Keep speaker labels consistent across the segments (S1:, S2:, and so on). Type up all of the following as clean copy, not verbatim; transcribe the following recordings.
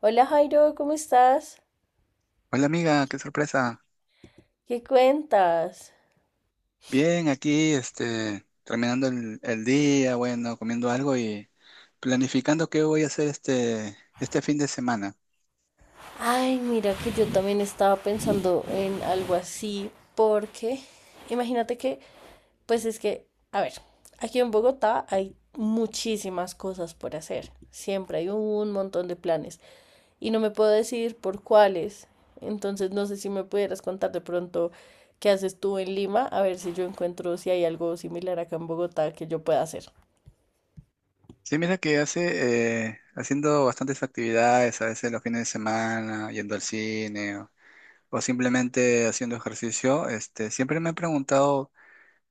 S1: Hola Jairo, ¿cómo estás?
S2: Hola amiga, qué sorpresa.
S1: ¿Qué cuentas?
S2: Bien, aquí, terminando el día, bueno, comiendo algo y planificando qué voy a hacer este fin de semana.
S1: Ay, mira que yo también estaba pensando en algo así, porque imagínate que, pues es que, a ver, aquí en Bogotá hay muchísimas cosas por hacer, siempre hay un montón de planes y no me puedo decidir por cuáles, entonces no sé si me pudieras contar de pronto qué haces tú en Lima, a ver si yo encuentro si hay algo similar acá en Bogotá que yo pueda hacer.
S2: Sí, mira que haciendo bastantes actividades, a veces los fines de semana, yendo al cine o simplemente haciendo ejercicio, siempre me he preguntado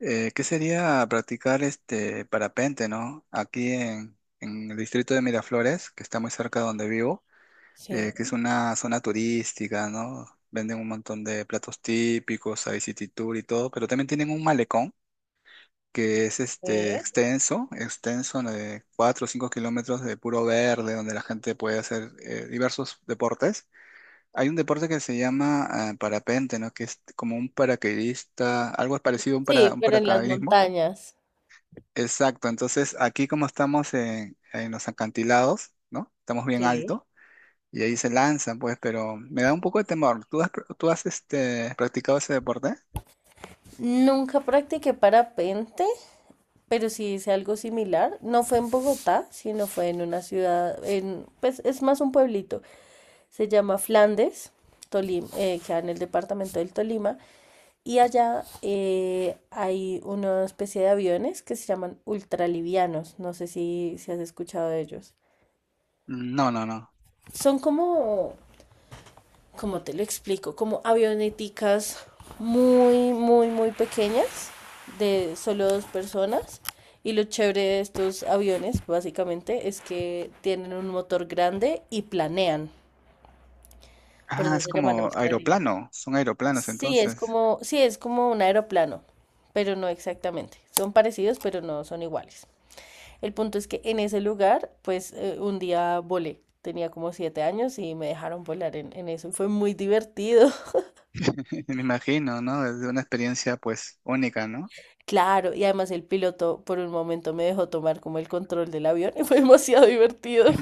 S2: qué sería practicar este parapente, ¿no? Aquí en el distrito de Miraflores, que está muy cerca de donde vivo. Que es
S1: Sí.
S2: una zona turística, ¿no? Venden un montón de platos típicos, hay city tour y todo, pero también tienen un malecón que es este extenso, extenso, ¿no? De 4 o 5 kilómetros de puro verde, donde la gente puede hacer diversos deportes. Hay un deporte que se llama parapente, ¿no? Que es como un paracaidista, algo parecido a
S1: Sí,
S2: un
S1: pero en las
S2: paracaidismo.
S1: montañas.
S2: Exacto, entonces aquí como estamos en los acantilados, ¿no? Estamos bien
S1: Sí.
S2: alto y ahí se lanzan, pues, pero me da un poco de temor. ¿Tú has practicado ese deporte?
S1: Nunca practiqué parapente, pero sí hice algo similar. No fue en Bogotá, sino fue en una ciudad, pues es más un pueblito. Se llama Flandes, Tolima, queda en el departamento del Tolima. Y allá hay una especie de aviones que se llaman ultralivianos. No sé si has escuchado de ellos.
S2: No, no, no.
S1: Son como ¿cómo te lo explico? Como avioneticas muy, muy, muy pequeñas de solo dos personas. Y lo chévere de estos aviones, básicamente, es que tienen un motor grande y planean. Por
S2: Ah,
S1: eso
S2: es
S1: se llaman
S2: como
S1: ultralivianos.
S2: aeroplano, son aeroplanos
S1: Sí,
S2: entonces.
S1: es como un aeroplano, pero no exactamente. Son parecidos, pero no son iguales. El punto es que en ese lugar, pues un día volé. Tenía como 7 años y me dejaron volar en eso. Y fue muy divertido.
S2: Me imagino, ¿no? Es una experiencia pues única, ¿no?
S1: Claro, y además el piloto por un momento me dejó tomar como el control del avión y fue demasiado divertido.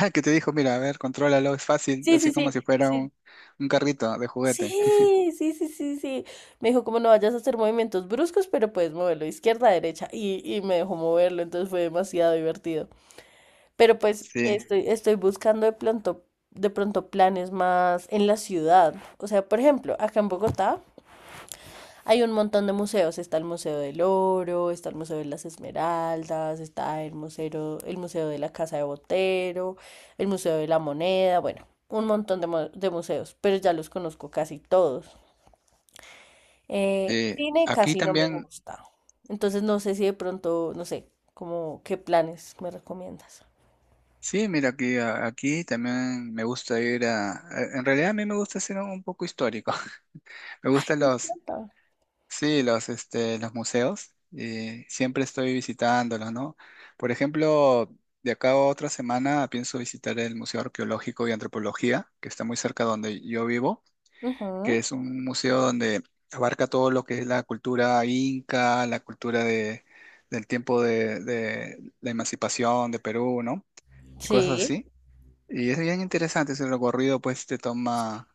S2: Ah, que te dijo, mira, a ver, contrólalo, es fácil,
S1: Sí,
S2: así
S1: sí,
S2: como
S1: sí,
S2: si fuera
S1: sí.
S2: un carrito de juguete.
S1: Sí, sí, sí, sí, sí. Me dijo como no vayas a hacer movimientos bruscos, pero puedes moverlo izquierda, derecha y me dejó moverlo, entonces fue demasiado divertido. Pero pues
S2: Sí,
S1: estoy buscando de pronto planes más en la ciudad. O sea, por ejemplo, acá en Bogotá. Hay un montón de museos, está el Museo del Oro, está el Museo de las Esmeraldas, está el Museo de la Casa de Botero, el Museo de la Moneda, bueno, un montón de museos, pero ya los conozco casi todos. Eh,
S2: sí.
S1: cine
S2: Aquí
S1: casi no me
S2: también,
S1: gusta, entonces no sé si de pronto, no sé, como qué planes me recomiendas.
S2: sí, mira, aquí también me gusta ir en realidad a mí me gusta ser un poco histórico. Me
S1: Ay,
S2: gustan
S1: me
S2: los,
S1: encanta.
S2: sí, los museos, siempre estoy visitándolos, ¿no? Por ejemplo, de acá a otra semana pienso visitar el Museo Arqueológico y Antropología, que está muy cerca donde yo vivo,
S1: Ujú,
S2: que es un museo donde abarca todo lo que es la cultura inca, la cultura del tiempo de la emancipación de Perú, ¿no? Y cosas
S1: sí.
S2: así. Y es bien interesante ese recorrido, pues te toma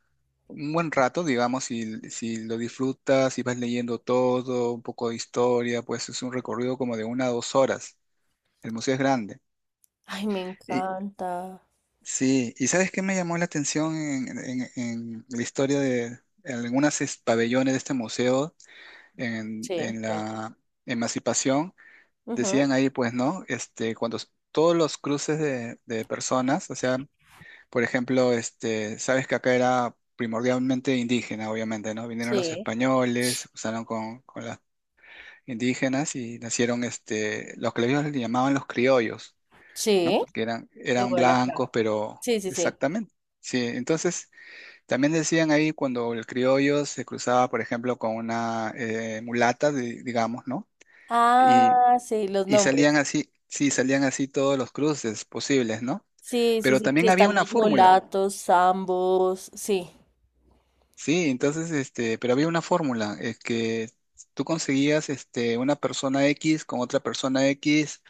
S2: un buen rato, digamos, si lo disfrutas, si vas leyendo todo, un poco de historia, pues es un recorrido como de 1 a 2 horas. El museo es grande.
S1: Ay, me
S2: Y
S1: encanta.
S2: sí, ¿y sabes qué me llamó la atención en la historia de en algunos pabellones de este museo en,
S1: Sí,
S2: en
S1: bueno.
S2: la Emancipación?
S1: Ujú,
S2: Decían ahí, pues, ¿no? Todos los cruces de personas, o sea. Por ejemplo, sabes que acá era primordialmente indígena, obviamente, ¿no? Vinieron los
S1: sí.
S2: españoles, se cruzaron con las indígenas y nacieron los que ellos le llamaban los criollos,
S1: Sí.
S2: ¿no? Que eran
S1: Igual acá.
S2: blancos, pero
S1: Sí, sí, sí.
S2: exactamente. Sí, entonces también decían ahí cuando el criollo se cruzaba, por ejemplo, con una mulata, digamos, ¿no? Y,
S1: Ah, sí, los
S2: y salían
S1: nombres.
S2: así, sí, salían así todos los cruces posibles, ¿no?
S1: Sí, sí,
S2: Pero
S1: sí, que
S2: también había
S1: están
S2: una
S1: los
S2: fórmula.
S1: mulatos, zambos, sí.
S2: Sí, entonces, pero había una fórmula, es que tú conseguías, una persona X con otra persona X,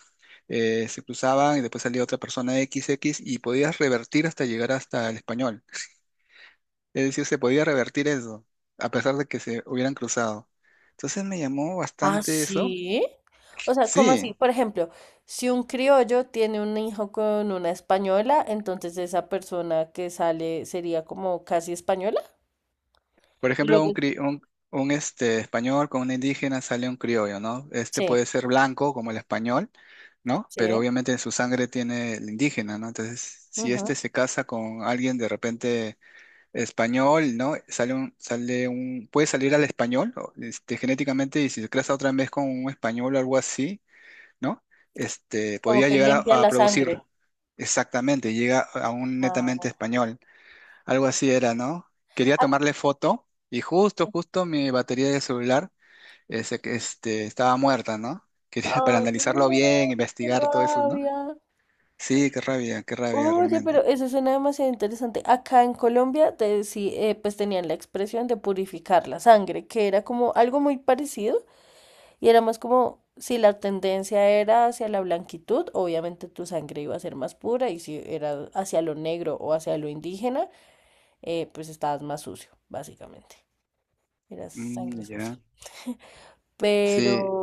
S2: se cruzaban y después salía otra persona XX y podías revertir hasta llegar hasta el español. Es decir, se podía revertir eso, a pesar de que se hubieran cruzado. Entonces me llamó
S1: Ah,
S2: bastante eso.
S1: sí. O sea, ¿cómo así?
S2: Sí,
S1: Por ejemplo, si un criollo tiene un hijo con una española, entonces esa persona que sale sería como casi española.
S2: por
S1: Y
S2: ejemplo, un,
S1: luego,
S2: cri- un, este, español con un indígena sale un criollo, ¿no? Este
S1: sí,
S2: puede ser blanco como el español, ¿no? Pero
S1: sí.
S2: obviamente en su sangre tiene el indígena, ¿no? Entonces, si
S1: Ujú,
S2: este se casa con alguien de repente español, ¿no? Puede salir al español, o, genéticamente, y si se casa otra vez con un español o algo así, ¿no?
S1: como
S2: Podría
S1: que
S2: llegar
S1: limpia
S2: a
S1: la sangre.
S2: producir exactamente, llega a un netamente
S1: Ah, sí.
S2: español. Algo así era, ¿no? Quería
S1: Ah,
S2: tomarle foto y justo, justo mi batería de celular ese que, estaba muerta, ¿no? Quería para
S1: ay,
S2: analizarlo bien,
S1: no, qué
S2: investigar todo eso, ¿no?
S1: rabia.
S2: Sí, qué rabia
S1: Oye, pero
S2: realmente.
S1: eso suena demasiado interesante. Acá en Colombia pues tenían la expresión de purificar la sangre, que era como algo muy parecido y era más como si la tendencia era hacia la blanquitud, obviamente tu sangre iba a ser más pura y si era hacia lo negro o hacia lo indígena, pues estabas más sucio, básicamente. Eras
S2: Mm,
S1: sangre
S2: ya.
S1: sucia. Pero
S2: Sí,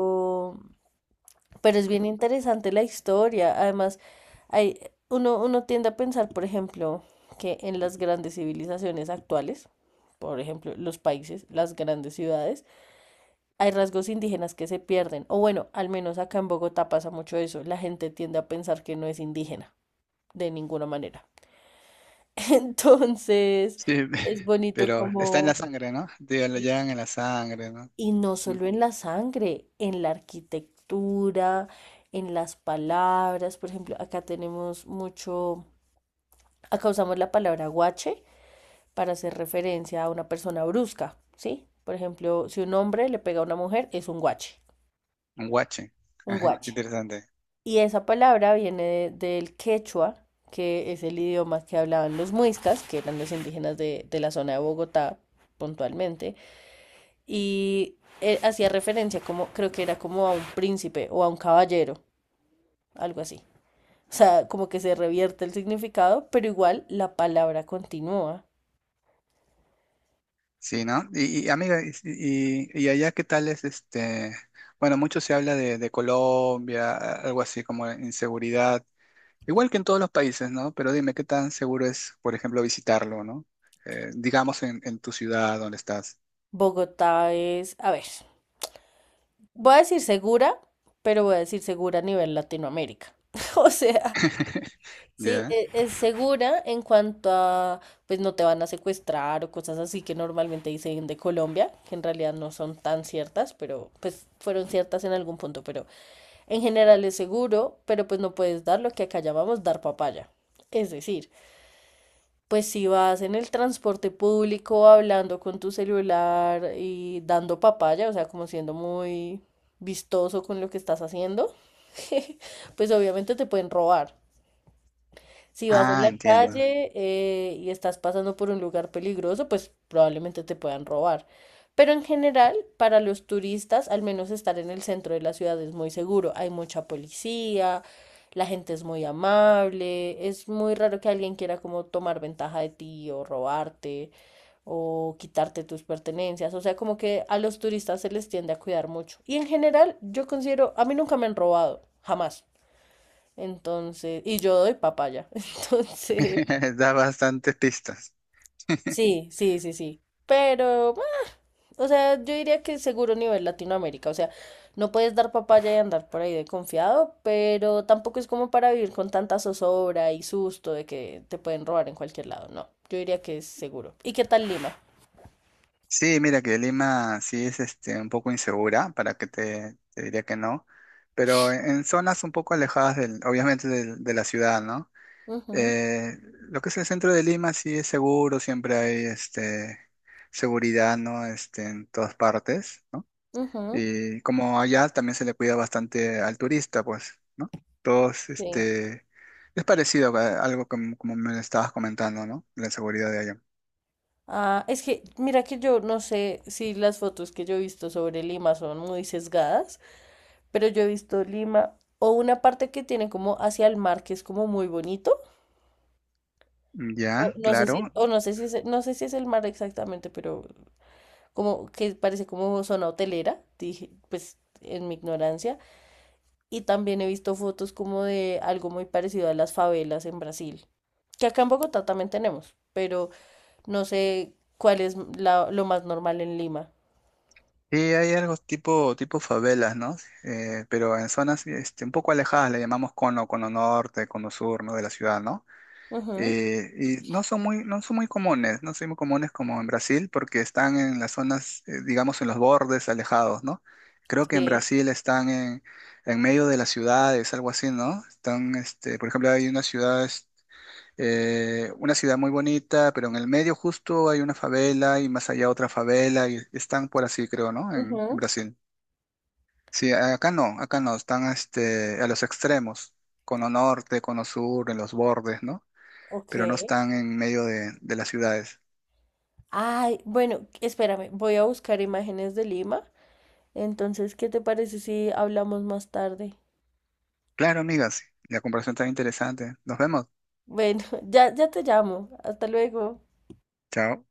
S1: Pero es bien interesante la historia. Además, hay, uno tiende a pensar, por ejemplo, que en las grandes civilizaciones actuales, por ejemplo, los países, las grandes ciudades, hay rasgos indígenas que se pierden. O bueno, al menos acá en Bogotá pasa mucho eso. La gente tiende a pensar que no es indígena, de ninguna manera. Entonces,
S2: sí,
S1: es bonito
S2: pero está en la
S1: como.
S2: sangre, ¿no? Digo, lo llevan en la sangre, ¿no?
S1: Y no
S2: Mm,
S1: solo en la sangre, en la arquitectura, en las palabras. Por ejemplo, acá tenemos mucho, acá usamos la palabra guache para hacer referencia a una persona brusca, ¿sí? Por ejemplo, si un hombre le pega a una mujer, es un guache,
S2: un guache.
S1: un
S2: Ajá, qué
S1: guache.
S2: interesante.
S1: Y esa palabra viene del quechua, que es el idioma que hablaban los muiscas, que eran los indígenas de la zona de Bogotá puntualmente. Y hacía referencia como, creo que era como a un príncipe o a un caballero, algo así. O sea, como que se revierte el significado, pero igual la palabra continúa.
S2: Sí, ¿no? Y, amiga, y allá ¿qué tal es? Bueno, mucho se habla de Colombia, algo así como inseguridad. Igual que en todos los países, ¿no? Pero dime, ¿qué tan seguro es, por ejemplo, visitarlo, ¿no? Digamos en tu ciudad donde estás.
S1: Bogotá es, a ver, voy a decir segura, pero voy a decir segura a nivel Latinoamérica. O sea, sí,
S2: ¿Ya?
S1: es segura en cuanto a, pues no te van a secuestrar o cosas así que normalmente dicen de Colombia, que en realidad no son tan ciertas, pero pues fueron ciertas en algún punto, pero. En general es seguro, pero pues no puedes dar lo que acá llamamos dar papaya. Es decir, pues si vas en el transporte público hablando con tu celular y dando papaya, o sea, como siendo muy vistoso con lo que estás haciendo, pues obviamente te pueden robar. Si vas en
S2: Ah,
S1: la
S2: entiendo.
S1: calle y estás pasando por un lugar peligroso, pues probablemente te puedan robar. Pero en general, para los turistas, al menos estar en el centro de la ciudad es muy seguro. Hay mucha policía, la gente es muy amable, es muy raro que alguien quiera como tomar ventaja de ti o robarte o quitarte tus pertenencias. O sea, como que a los turistas se les tiende a cuidar mucho. Y en general, yo considero, a mí nunca me han robado, jamás. Entonces, y yo doy papaya. Entonces,
S2: Da bastantes pistas.
S1: sí, sí, sí, sí. Pero, bueno, o sea, yo diría que seguro nivel Latinoamérica. O sea, no puedes dar papaya y andar por ahí de confiado, pero tampoco es como para vivir con tanta zozobra y susto de que te pueden robar en cualquier lado. No, yo diría que es seguro. ¿Y qué tal Lima?
S2: Sí, mira que Lima sí es un poco insegura, para que te diría que no, pero en zonas un poco alejadas del, obviamente, de la ciudad, ¿no?
S1: Ujú,
S2: Eh, lo que es el centro de Lima sí es seguro, siempre hay seguridad, ¿no? En todas partes, ¿no?
S1: ujú,
S2: Y como allá también se le cuida bastante al turista, pues, ¿no? Todos,
S1: sí.
S2: es parecido a algo como me lo estabas comentando, ¿no? La seguridad de allá.
S1: Ah, es que, mira que yo no sé si las fotos que yo he visto sobre Lima son muy sesgadas. Pero yo he visto Lima o una parte que tiene como hacia el mar, que es como muy bonito.
S2: Ya, claro.
S1: O no sé si es, no sé si es el mar exactamente, pero como que parece como zona hotelera, dije, pues en mi ignorancia. Y también he visto fotos como de algo muy parecido a las favelas en Brasil, que acá en Bogotá también tenemos, pero no sé cuál es lo más normal en Lima.
S2: Y hay algo tipo favelas, ¿no? Pero en zonas, un poco alejadas, le llamamos cono norte, cono sur, ¿no? De la ciudad, ¿no?
S1: Ujú,
S2: Y no son muy comunes, no son muy comunes como en Brasil porque están en las zonas, digamos, en los bordes alejados, ¿no? Creo que en
S1: sí.
S2: Brasil están en medio de las ciudades, algo así, ¿no? Están, por ejemplo, hay una ciudad, una ciudad muy bonita, pero en el medio justo hay una favela y más allá otra favela y están por así, creo, ¿no? En
S1: Ujú,
S2: Brasil. Sí, acá no, están, a los extremos, cono norte, cono sur, en los bordes, ¿no?
S1: ok.
S2: Pero no están en medio de las ciudades.
S1: Ay, bueno, espérame, voy a buscar imágenes de Lima. Entonces, ¿qué te parece si hablamos más tarde?
S2: Claro, amigas, la comparación está interesante. Nos vemos.
S1: Bueno, ya te llamo. Hasta luego.
S2: Chao.